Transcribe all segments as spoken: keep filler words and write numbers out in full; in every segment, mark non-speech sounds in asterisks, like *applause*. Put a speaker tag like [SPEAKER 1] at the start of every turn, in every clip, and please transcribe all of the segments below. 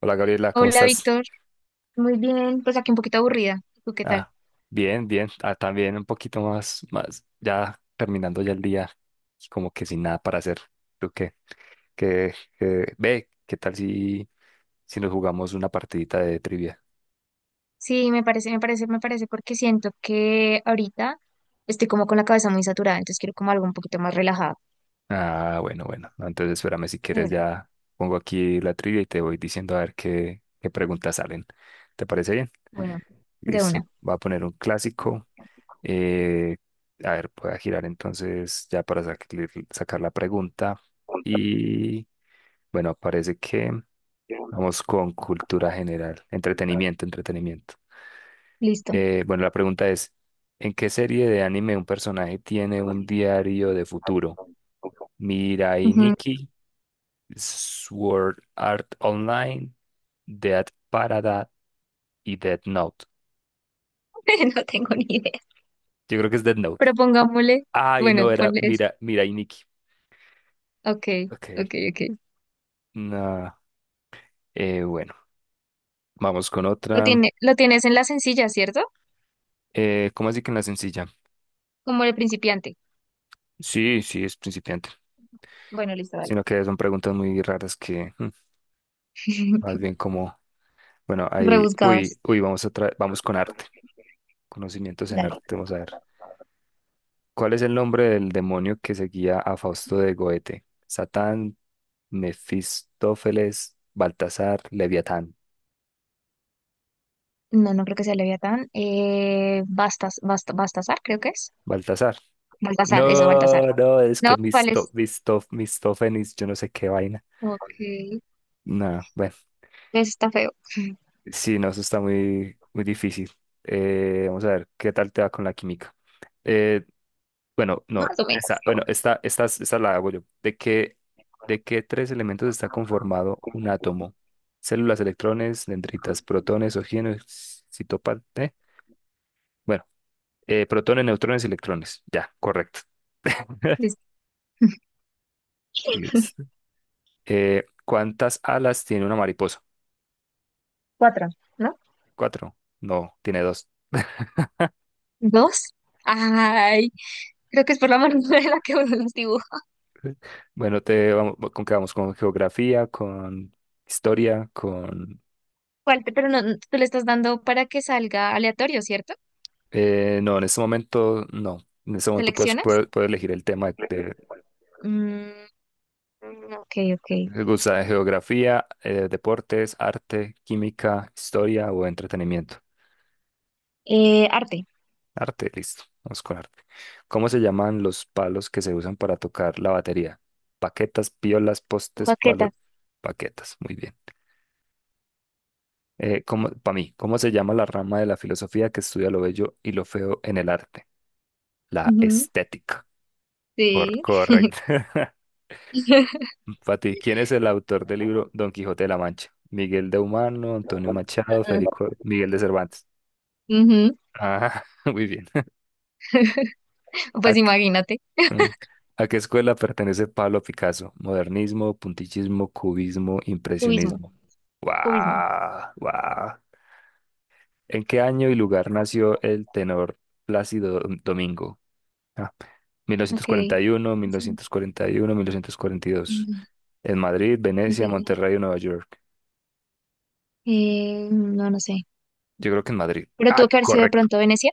[SPEAKER 1] Hola Gabriela, ¿cómo
[SPEAKER 2] Hola,
[SPEAKER 1] estás?
[SPEAKER 2] Víctor. Muy bien, pues aquí un poquito aburrida. ¿Tú qué tal?
[SPEAKER 1] Ah, bien, bien. Ah, también un poquito más, más, ya terminando ya el día, y como que sin nada para hacer. ¿Tú qué? ¿Qué, qué- ve, ¿qué tal si, si nos jugamos una partidita de trivia?
[SPEAKER 2] Sí, me parece, me parece, me parece porque siento que ahorita estoy como con la cabeza muy saturada, entonces quiero como algo un poquito más relajado.
[SPEAKER 1] Ah, bueno, bueno. No, entonces espérame si
[SPEAKER 2] De
[SPEAKER 1] quieres
[SPEAKER 2] una,
[SPEAKER 1] ya pongo aquí la trivia y te voy diciendo a ver qué, qué preguntas salen. ¿Te parece bien?
[SPEAKER 2] bueno, de
[SPEAKER 1] Listo.
[SPEAKER 2] una.
[SPEAKER 1] Voy a poner un clásico. Eh, a ver, voy a girar entonces ya para sac- sacar la pregunta. Y Bueno, parece que vamos con cultura general, entretenimiento, entretenimiento.
[SPEAKER 2] Listo.
[SPEAKER 1] Eh, bueno, la pregunta es: ¿en qué serie de anime un personaje tiene un diario de futuro? Mirai
[SPEAKER 2] Ujú.
[SPEAKER 1] Nikki, Sword Art Online, Dead Parada y Death Note.
[SPEAKER 2] *laughs* No tengo ni idea.
[SPEAKER 1] Yo creo que es Death Note.
[SPEAKER 2] Propongámosle.
[SPEAKER 1] Ay, no,
[SPEAKER 2] Bueno,
[SPEAKER 1] era
[SPEAKER 2] ponle eso.
[SPEAKER 1] Mira, Mirai Nikki.
[SPEAKER 2] Ok, ok,
[SPEAKER 1] Ok,
[SPEAKER 2] ok.
[SPEAKER 1] no. eh, bueno, vamos con
[SPEAKER 2] Lo
[SPEAKER 1] otra.
[SPEAKER 2] tiene, lo tienes en la sencilla, ¿cierto?
[SPEAKER 1] Eh, ¿cómo así que en la sencilla?
[SPEAKER 2] Como el principiante.
[SPEAKER 1] Sí, sí, es principiante.
[SPEAKER 2] Bueno, listo, vale.
[SPEAKER 1] Sino que son preguntas muy raras que mm, más
[SPEAKER 2] *laughs*
[SPEAKER 1] bien como, bueno, ahí, uy,
[SPEAKER 2] Rebuscadas.
[SPEAKER 1] uy, vamos a tra- vamos con arte, conocimientos en
[SPEAKER 2] Dale.
[SPEAKER 1] arte, vamos a ver. ¿Cuál es el nombre del demonio que seguía a Fausto de Goethe? Satán, Mefistófeles, Baltasar, Leviatán.
[SPEAKER 2] No, no creo que sea Leviatán. Eh, Bastas, Bast- Bastasar, creo que es.
[SPEAKER 1] Baltasar.
[SPEAKER 2] Baltasar, eso, Baltasar.
[SPEAKER 1] No, no, es que
[SPEAKER 2] No, ¿cuál
[SPEAKER 1] Misto,
[SPEAKER 2] es?
[SPEAKER 1] Misto, Mistófenes, yo no sé qué vaina.
[SPEAKER 2] Ok, eso
[SPEAKER 1] No, bueno,
[SPEAKER 2] está feo. *laughs*
[SPEAKER 1] sí, no, eso está muy, muy difícil. Eh, vamos a ver, ¿qué tal te va con la química? Eh, Bueno, no,
[SPEAKER 2] Más o menos.
[SPEAKER 1] esta, bueno, esta, esta, esta la hago yo. ¿De qué, de qué tres elementos está conformado un átomo? Células, electrones, dendritas, protones, oxígenos, citopan, ¿eh? Bueno, eh, protones, neutrones y electrones. Ya, correcto.
[SPEAKER 2] Es
[SPEAKER 1] *laughs* Listo. Eh, ¿cuántas alas tiene una mariposa?
[SPEAKER 2] cuatro, ¿no?
[SPEAKER 1] Cuatro. No, tiene dos.
[SPEAKER 2] ¿Dos? Ay, creo que es por la mano *laughs* de la que uno los dibuja.
[SPEAKER 1] Bueno, te vamos, ¿con qué vamos? ¿Con geografía? ¿Con historia? ¿Con...?
[SPEAKER 2] ¿Cuál te- Pero no, no, tú le estás dando para que salga aleatorio, ¿cierto?
[SPEAKER 1] eh, no, en este momento no. En este momento puedes,
[SPEAKER 2] ¿Seleccionas?
[SPEAKER 1] puedes, puedes elegir el tema de-.
[SPEAKER 2] Mm, ok, ok.
[SPEAKER 1] ¿Te gusta geografía, eh, deportes, arte, química, historia o entretenimiento?
[SPEAKER 2] Eh, arte.
[SPEAKER 1] Arte, listo. Vamos con arte. ¿Cómo se llaman los palos que se usan para tocar la batería? Paquetas, piolas, postes, palos,
[SPEAKER 2] Baquetas.
[SPEAKER 1] paquetas. Muy bien. Eh, ¿cómo, para mí, ¿cómo se llama la rama de la filosofía que estudia lo bello y lo feo en el arte? La
[SPEAKER 2] Ujú,
[SPEAKER 1] estética. Cor-
[SPEAKER 2] sí.
[SPEAKER 1] correcto. *laughs*
[SPEAKER 2] *laughs*
[SPEAKER 1] Para ti, ¿quién es el autor del libro Don Quijote de la Mancha? Miguel de Humano, Antonio Machado, Federico Miguel de Cervantes.
[SPEAKER 2] Ujú,
[SPEAKER 1] Ah, *laughs* muy bien. ¿A,
[SPEAKER 2] pues
[SPEAKER 1] qué
[SPEAKER 2] imagínate.
[SPEAKER 1] mm, a qué escuela pertenece Pablo Picasso? Modernismo, puntillismo, cubismo,
[SPEAKER 2] Cubismo.
[SPEAKER 1] impresionismo.
[SPEAKER 2] Cubismo.
[SPEAKER 1] ¡Guau! ¡Guau! ¿En qué año y lugar nació el tenor Plácido Dom- Domingo? Ah,
[SPEAKER 2] Ok.
[SPEAKER 1] mil novecientos cuarenta y uno,
[SPEAKER 2] Sí,
[SPEAKER 1] mil novecientos cuarenta y uno, mil novecientos cuarenta y dos.
[SPEAKER 2] entiendo,
[SPEAKER 1] En Madrid, Venecia,
[SPEAKER 2] entiendo.
[SPEAKER 1] Monterrey o Nueva York.
[SPEAKER 2] Eh, no, no sé.
[SPEAKER 1] Yo creo que en Madrid.
[SPEAKER 2] Pero tuvo
[SPEAKER 1] Ah,
[SPEAKER 2] que haber sido de
[SPEAKER 1] correcto.
[SPEAKER 2] pronto Venecia.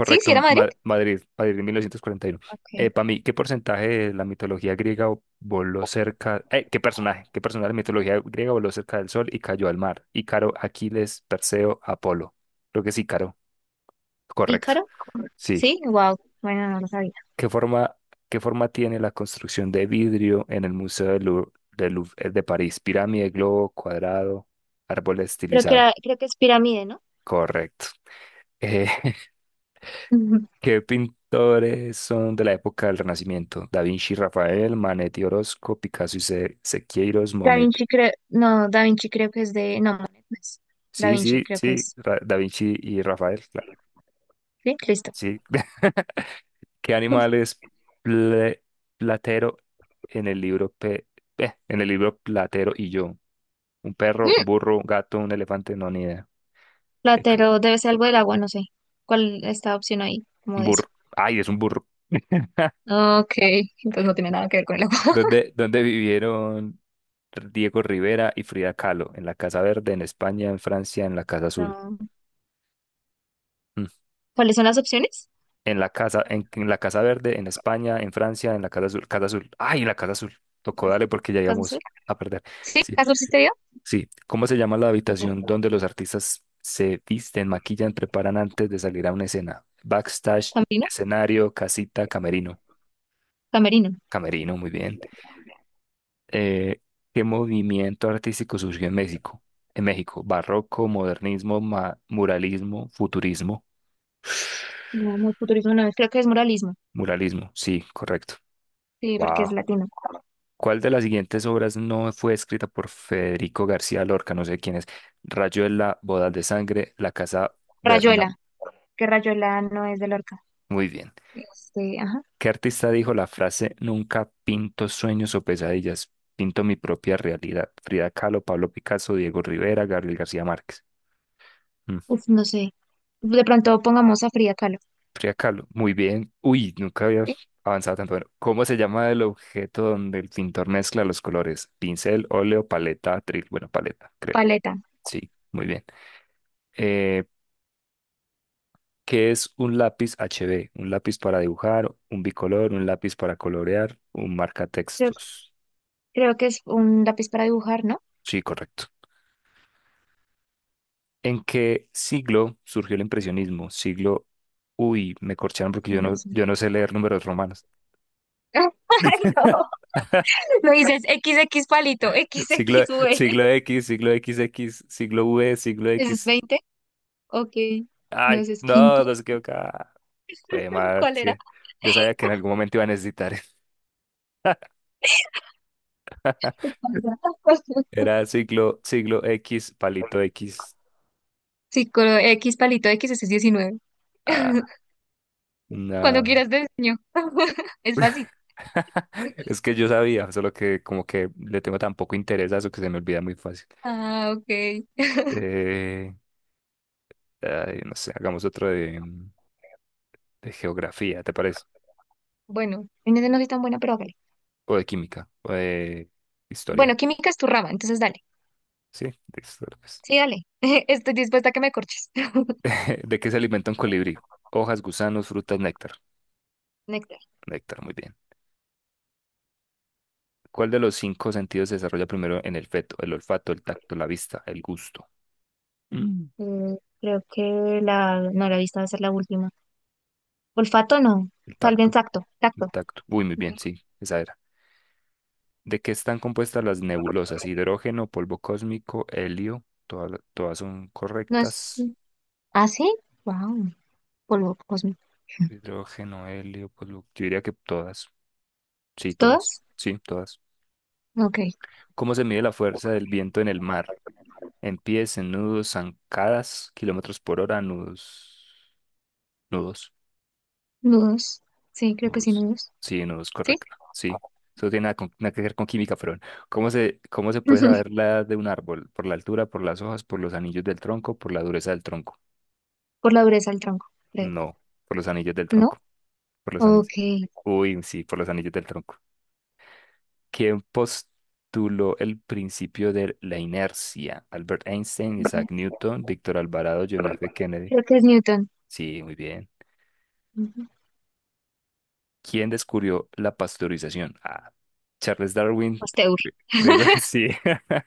[SPEAKER 2] Sí, sí era
[SPEAKER 1] Ma-
[SPEAKER 2] Madrid.
[SPEAKER 1] Ma- Madrid, Madrid en mil novecientos cuarenta y uno.
[SPEAKER 2] Ok.
[SPEAKER 1] Para mí, ¿qué porcentaje de la mitología griega voló cerca? eh, ¿qué personaje? ¿Qué personaje de la mitología griega voló cerca del sol y cayó al mar? Ícaro, Aquiles, Perseo, Apolo. Creo que es Ícaro. Correcto.
[SPEAKER 2] ¿Ícaro?
[SPEAKER 1] Sí.
[SPEAKER 2] Sí, wow. Bueno, no lo sabía.
[SPEAKER 1] ¿Qué forma, qué forma tiene la construcción de vidrio en el Museo del Louvre, del Louvre eh, de París? Pirámide, globo, cuadrado, árbol
[SPEAKER 2] Creo que
[SPEAKER 1] estilizado.
[SPEAKER 2] era- creo que es pirámide, ¿no?
[SPEAKER 1] Correcto. Eh, *laughs*
[SPEAKER 2] Ujú.
[SPEAKER 1] ¿Qué pintores son de la época del Renacimiento? Da Vinci, Rafael, Manetti, Orozco, Picasso y Se- Sequeiros,
[SPEAKER 2] Da
[SPEAKER 1] Monet.
[SPEAKER 2] Vinci creo, no, Da Vinci creo que es de, no, Monet no es. Da
[SPEAKER 1] Sí,
[SPEAKER 2] Vinci
[SPEAKER 1] sí,
[SPEAKER 2] creo que
[SPEAKER 1] sí,
[SPEAKER 2] es.
[SPEAKER 1] Ra- Da Vinci y Rafael, claro.
[SPEAKER 2] Sí, listo.
[SPEAKER 1] Sí. *laughs* ¿Qué animal es ple- Platero en el libro Pe- eh, en el libro Platero y yo? ¿Un perro, un
[SPEAKER 2] Mm,
[SPEAKER 1] burro, un gato, un elefante? No, ni idea. Eh, c-
[SPEAKER 2] Platero debe ser algo del agua, no sé. ¿Cuál está la opción ahí? Como de eso.
[SPEAKER 1] Burro. Ay, es un burro. *laughs*
[SPEAKER 2] Ok, entonces no tiene nada que ver con el agua.
[SPEAKER 1] ¿Dónde, dónde vivieron Diego Rivera y Frida Kahlo? En la Casa Verde, en España, en Francia, en la Casa Azul.
[SPEAKER 2] No.
[SPEAKER 1] Mm.
[SPEAKER 2] ¿Cuáles son las opciones?
[SPEAKER 1] En la casa, en, en la Casa Verde, en España, en Francia, en la Casa Azul, Casa Azul. Ay, en la Casa Azul. Tocó darle porque ya
[SPEAKER 2] Casasol.
[SPEAKER 1] íbamos a perder.
[SPEAKER 2] Sí,
[SPEAKER 1] Sí,
[SPEAKER 2] Casasol sí te.
[SPEAKER 1] sí. ¿Cómo se llama la habitación donde los artistas se visten, maquillan, preparan antes de salir a una escena? Backstage,
[SPEAKER 2] Camerino,
[SPEAKER 1] escenario, casita, camerino.
[SPEAKER 2] Camerino.
[SPEAKER 1] Camerino, muy bien. Eh, ¿qué movimiento artístico surgió en México? En México, barroco, modernismo, ma- muralismo, futurismo. *sighs*
[SPEAKER 2] No, no, futurismo no es, creo que es muralismo,
[SPEAKER 1] Muralismo, sí, correcto.
[SPEAKER 2] sí, porque
[SPEAKER 1] Wow.
[SPEAKER 2] es latino.
[SPEAKER 1] ¿Cuál de las siguientes obras no fue escrita por Federico García Lorca? No sé quién es. Rayuela, Bodas de Sangre, La Casa Bernard.
[SPEAKER 2] Rayuela, que Rayuela no es de Lorca.
[SPEAKER 1] Muy bien.
[SPEAKER 2] Este, ajá,
[SPEAKER 1] ¿Qué artista dijo la frase "Nunca pinto sueños o pesadillas, pinto mi propia realidad"? Frida Kahlo, Pablo Picasso, Diego Rivera, Gabriel García Márquez. Mm,
[SPEAKER 2] uf, no sé. De pronto pongamos a Frida Kahlo.
[SPEAKER 1] Frida Kahlo, muy bien. Uy, nunca había
[SPEAKER 2] ¿Sí?
[SPEAKER 1] avanzado tanto. Bueno, ¿cómo se llama el objeto donde el pintor mezcla los colores? Pincel, óleo, paleta, atril. Bueno, paleta, creo.
[SPEAKER 2] Paleta,
[SPEAKER 1] Sí, muy bien. Eh, ¿Qué es un lápiz H B? Un lápiz para dibujar, un bicolor, un lápiz para colorear, un
[SPEAKER 2] creo,
[SPEAKER 1] marcatextos.
[SPEAKER 2] creo que es un lápiz para dibujar, ¿no?
[SPEAKER 1] Sí, correcto. ¿En qué siglo surgió el impresionismo? Siglo... Uy, me corcharon porque
[SPEAKER 2] Sí,
[SPEAKER 1] yo
[SPEAKER 2] no
[SPEAKER 1] no,
[SPEAKER 2] sé.
[SPEAKER 1] yo no sé leer números romanos.
[SPEAKER 2] *laughs* Ay, no,
[SPEAKER 1] *laughs*
[SPEAKER 2] lo dices equis equis palito,
[SPEAKER 1] Siglo,
[SPEAKER 2] equis equis uve.
[SPEAKER 1] siglo X, siglo veinte, siglo V, siglo
[SPEAKER 2] ¿Ese es
[SPEAKER 1] X.
[SPEAKER 2] veinte? Ok, no,
[SPEAKER 1] Ay,
[SPEAKER 2] ese es
[SPEAKER 1] no,
[SPEAKER 2] quinto.
[SPEAKER 1] no se equivocaba. Jue
[SPEAKER 2] *laughs*
[SPEAKER 1] madre,
[SPEAKER 2] ¿Cuál
[SPEAKER 1] sí.
[SPEAKER 2] era?
[SPEAKER 1] Yo sabía que en algún momento iba a necesitar. *laughs*
[SPEAKER 2] *laughs*
[SPEAKER 1] Era siglo, siglo X, palito X.
[SPEAKER 2] Sí, con X palito, X ese es diecinueve.
[SPEAKER 1] Ah,
[SPEAKER 2] *laughs* Cuando
[SPEAKER 1] no.
[SPEAKER 2] quieras te enseño. *laughs* Es fácil.
[SPEAKER 1] *laughs* Es que yo sabía, solo que como que le tengo tan poco interés a eso que se me olvida muy fácil.
[SPEAKER 2] Ah, ok.
[SPEAKER 1] Eh, ay, no sé, hagamos otro de, mm, de geografía, ¿te parece?
[SPEAKER 2] Bueno, en ese no soy tan buena, pero hágale.
[SPEAKER 1] O de química, o de
[SPEAKER 2] Bueno,
[SPEAKER 1] historia.
[SPEAKER 2] química es tu rama, entonces dale.
[SPEAKER 1] Sí, de historia, pues.
[SPEAKER 2] Sí, dale. *laughs* Estoy dispuesta a que me corches. *laughs*
[SPEAKER 1] *laughs* ¿De qué se alimenta un colibrí? Hojas, gusanos, frutas, néctar.
[SPEAKER 2] Néctar.
[SPEAKER 1] Néctar, muy bien. ¿Cuál de los cinco sentidos se desarrolla primero en el feto? El olfato, el tacto, la vista, el gusto. Mm.
[SPEAKER 2] Mm, creo que la... No, la vista va a ser la última. Olfato no.
[SPEAKER 1] El
[SPEAKER 2] Tal vez
[SPEAKER 1] tacto,
[SPEAKER 2] tacto. Tacto.
[SPEAKER 1] el tacto. Uy, muy
[SPEAKER 2] Ok.
[SPEAKER 1] bien, sí, esa era. ¿De qué están compuestas las nebulosas? Hidrógeno, polvo cósmico, helio. Todas, todas son
[SPEAKER 2] No es...
[SPEAKER 1] correctas.
[SPEAKER 2] ¿Ah, sí? Wow. Polvo cósmico.
[SPEAKER 1] Hidrógeno, helio, polvo. Yo diría que todas. Sí, todas.
[SPEAKER 2] ¿Todas?
[SPEAKER 1] Sí, todas.
[SPEAKER 2] Ok.
[SPEAKER 1] ¿Cómo se mide la fuerza del viento en el mar? En pies, en nudos, zancadas, kilómetros por hora, nudos. Nudos.
[SPEAKER 2] Nudos. Sí, creo que sí,
[SPEAKER 1] Nudos.
[SPEAKER 2] nudos.
[SPEAKER 1] Sí, nudos,
[SPEAKER 2] ¿Sí?
[SPEAKER 1] correcto. Sí. Eso tiene nada, con- nada que ver con química, pero bueno. ¿cómo se, cómo se puede saber
[SPEAKER 2] *laughs*
[SPEAKER 1] la edad de un árbol? Por la altura, por las hojas, por los anillos del tronco, por la dureza del tronco.
[SPEAKER 2] Por la dureza del tronco, creo.
[SPEAKER 1] No, por los anillos del
[SPEAKER 2] ¿No?
[SPEAKER 1] tronco. Por los anillos.
[SPEAKER 2] Ok.
[SPEAKER 1] Uy, sí, por los anillos del tronco. ¿Quién postuló el principio de la inercia? Albert Einstein, Isaac Newton, Víctor Alvarado, John F. Kennedy.
[SPEAKER 2] Creo que es Newton.
[SPEAKER 1] Sí, muy bien.
[SPEAKER 2] Ujú.
[SPEAKER 1] ¿Quién descubrió la pasteurización? Ah, Charles Darwin.
[SPEAKER 2] Pasteur.
[SPEAKER 1] Creo que sí. *laughs*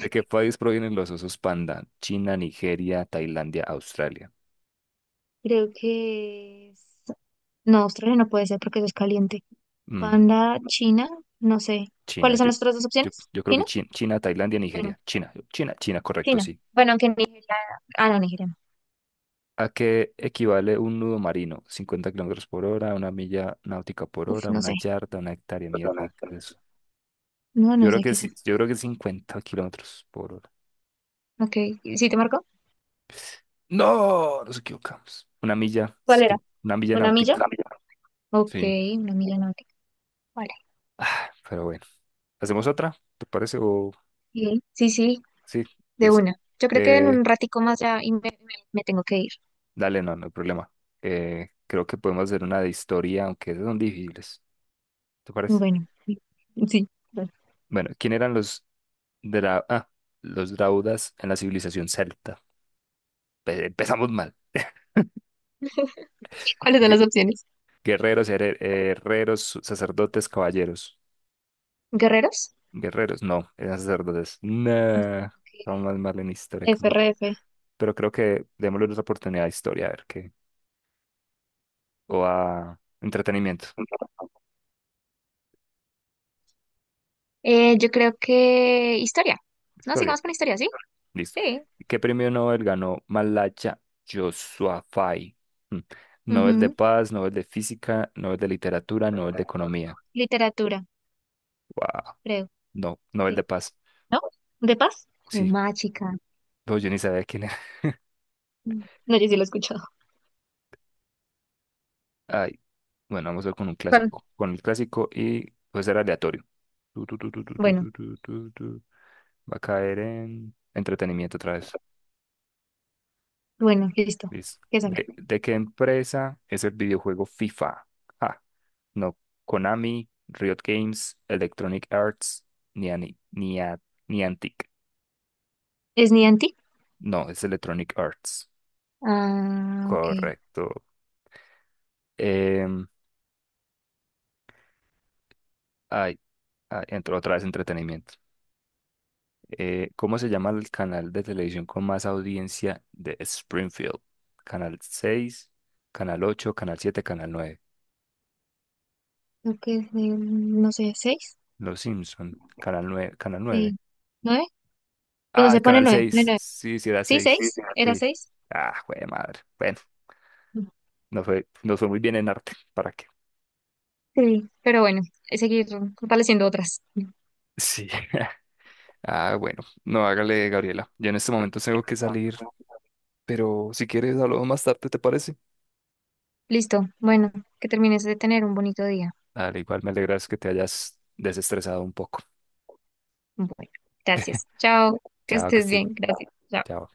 [SPEAKER 1] ¿De qué país provienen los osos panda? China, Nigeria, Tailandia, Australia.
[SPEAKER 2] Creo que es... No, Australia no puede ser porque eso es caliente.
[SPEAKER 1] Mm,
[SPEAKER 2] Panda, China, no sé.
[SPEAKER 1] China,
[SPEAKER 2] ¿Cuáles son
[SPEAKER 1] yo,
[SPEAKER 2] las otras dos
[SPEAKER 1] yo,
[SPEAKER 2] opciones?
[SPEAKER 1] yo creo que
[SPEAKER 2] ¿China?
[SPEAKER 1] China, China, Tailandia,
[SPEAKER 2] Bueno,
[SPEAKER 1] Nigeria. China, China, China, correcto,
[SPEAKER 2] China.
[SPEAKER 1] sí.
[SPEAKER 2] Bueno, aunque Nigeria... Ah, no, Nigeria no.
[SPEAKER 1] ¿A qué equivale un nudo marino? Cincuenta kilómetros por hora, una milla náutica por
[SPEAKER 2] Uf,
[SPEAKER 1] hora,
[SPEAKER 2] no
[SPEAKER 1] una
[SPEAKER 2] sé.
[SPEAKER 1] yarda, una hectárea, mierda. ¿qué es eso?
[SPEAKER 2] No,
[SPEAKER 1] Yo
[SPEAKER 2] no
[SPEAKER 1] creo
[SPEAKER 2] sé
[SPEAKER 1] que
[SPEAKER 2] qué es
[SPEAKER 1] sí,
[SPEAKER 2] eso.
[SPEAKER 1] yo creo que cincuenta kilómetros por hora.
[SPEAKER 2] Ok, ¿sí te marcó?
[SPEAKER 1] No, nos equivocamos. Una milla, es
[SPEAKER 2] ¿Cuál
[SPEAKER 1] que
[SPEAKER 2] era?
[SPEAKER 1] una milla
[SPEAKER 2] ¿Una milla? Una
[SPEAKER 1] náutica.
[SPEAKER 2] milla. Ok,
[SPEAKER 1] Sí.
[SPEAKER 2] una milla náutica. Vale.
[SPEAKER 1] Ah, pero bueno, ¿hacemos otra? ¿Te parece? O
[SPEAKER 2] Bien. Sí, sí,
[SPEAKER 1] sí,
[SPEAKER 2] de
[SPEAKER 1] dice.
[SPEAKER 2] una. Yo creo que en
[SPEAKER 1] Eh,
[SPEAKER 2] un ratico más ya y me, me- me tengo que ir.
[SPEAKER 1] dale, no, no hay problema. Eh, creo que podemos hacer una de historia, aunque esas son difíciles. ¿Te parece?
[SPEAKER 2] Bueno, sí. Sí. Vale.
[SPEAKER 1] Bueno, ¿quién eran los, dra- ah, los draudas en la civilización celta? Pe- Empezamos mal.
[SPEAKER 2] ¿Cuáles son las
[SPEAKER 1] Gue-
[SPEAKER 2] opciones?
[SPEAKER 1] Guerreros, here- herreros, sacerdotes, caballeros.
[SPEAKER 2] ¿Guerreros?
[SPEAKER 1] Guerreros, no, eran sacerdotes.
[SPEAKER 2] No.
[SPEAKER 1] Nah, vamos
[SPEAKER 2] Ok.
[SPEAKER 1] más mal en historia que en verdad.
[SPEAKER 2] S R F.
[SPEAKER 1] Pero creo que démosle otra oportunidad a historia, a ver qué. O a entretenimiento.
[SPEAKER 2] Eh, yo creo que historia. No,
[SPEAKER 1] Historia,
[SPEAKER 2] sigamos con historia, ¿sí?
[SPEAKER 1] listo.
[SPEAKER 2] Sí.
[SPEAKER 1] ¿Qué premio Nobel ganó Malacha Yousafzai? Hmm. Nobel de
[SPEAKER 2] Ujú.
[SPEAKER 1] Paz, Nobel de Física, Nobel de Literatura, Nobel de Economía.
[SPEAKER 2] Literatura,
[SPEAKER 1] Wow,
[SPEAKER 2] creo,
[SPEAKER 1] no, Nobel de
[SPEAKER 2] sí.
[SPEAKER 1] Paz.
[SPEAKER 2] ¿No? ¿De paz? De
[SPEAKER 1] Sí,
[SPEAKER 2] mágica.
[SPEAKER 1] no, yo ni sabía quién.
[SPEAKER 2] No, yo sí lo he escuchado.
[SPEAKER 1] Ay, bueno, vamos a ver con un
[SPEAKER 2] ¿Cuál?
[SPEAKER 1] clásico. Con el clásico y puede ser aleatorio. Tu, tu, tu, tu, tu, tu,
[SPEAKER 2] Bueno,
[SPEAKER 1] tu, tu, tu, tu. Va a caer en entretenimiento otra vez.
[SPEAKER 2] bueno, listo.
[SPEAKER 1] Listo.
[SPEAKER 2] ¿Qué sale?
[SPEAKER 1] ¿De, de qué empresa es el videojuego FIFA? Ah, no. Konami, Riot Games, Electronic Arts, ni, ani- ni, a- ni Antic.
[SPEAKER 2] ¿Es Niantic?
[SPEAKER 1] No, es Electronic Arts.
[SPEAKER 2] Ah, ok.
[SPEAKER 1] Correcto. Em, ay, ay, entró otra vez entretenimiento. Eh, ¿cómo se llama el canal de televisión con más audiencia de Springfield? Canal seis, Canal ocho, Canal siete, Canal nueve.
[SPEAKER 2] Creo que es de, no sé, ¿seis?
[SPEAKER 1] Los Simpson, Canal nueve. Canal nueve.
[SPEAKER 2] Sí. ¿Nueve? Bueno,
[SPEAKER 1] Ay,
[SPEAKER 2] se pone
[SPEAKER 1] Canal
[SPEAKER 2] nueve, pone
[SPEAKER 1] seis.
[SPEAKER 2] nueve.
[SPEAKER 1] Sí, sí era
[SPEAKER 2] ¿Sí, sí,
[SPEAKER 1] seis.
[SPEAKER 2] seis? ¿Era
[SPEAKER 1] Sí.
[SPEAKER 2] seis?
[SPEAKER 1] Ah, güey, madre. Bueno, no fue, no fue muy bien en arte. *laughs* ¿Para qué?
[SPEAKER 2] Sí. Pero bueno, es seguir fortaleciendo otras.
[SPEAKER 1] Sí. *laughs* Ah, bueno. No, hágale, Gabriela. Yo en este momento tengo que salir, pero si quieres, hablamos más tarde, ¿te parece?
[SPEAKER 2] Listo. Bueno, que termines de tener un bonito día.
[SPEAKER 1] Dale, igual me alegras que te hayas desestresado un poco.
[SPEAKER 2] Bueno, gracias. Chao, que
[SPEAKER 1] Chao, que
[SPEAKER 2] estés
[SPEAKER 1] estés.
[SPEAKER 2] bien. Gracias. Chao.
[SPEAKER 1] Chao.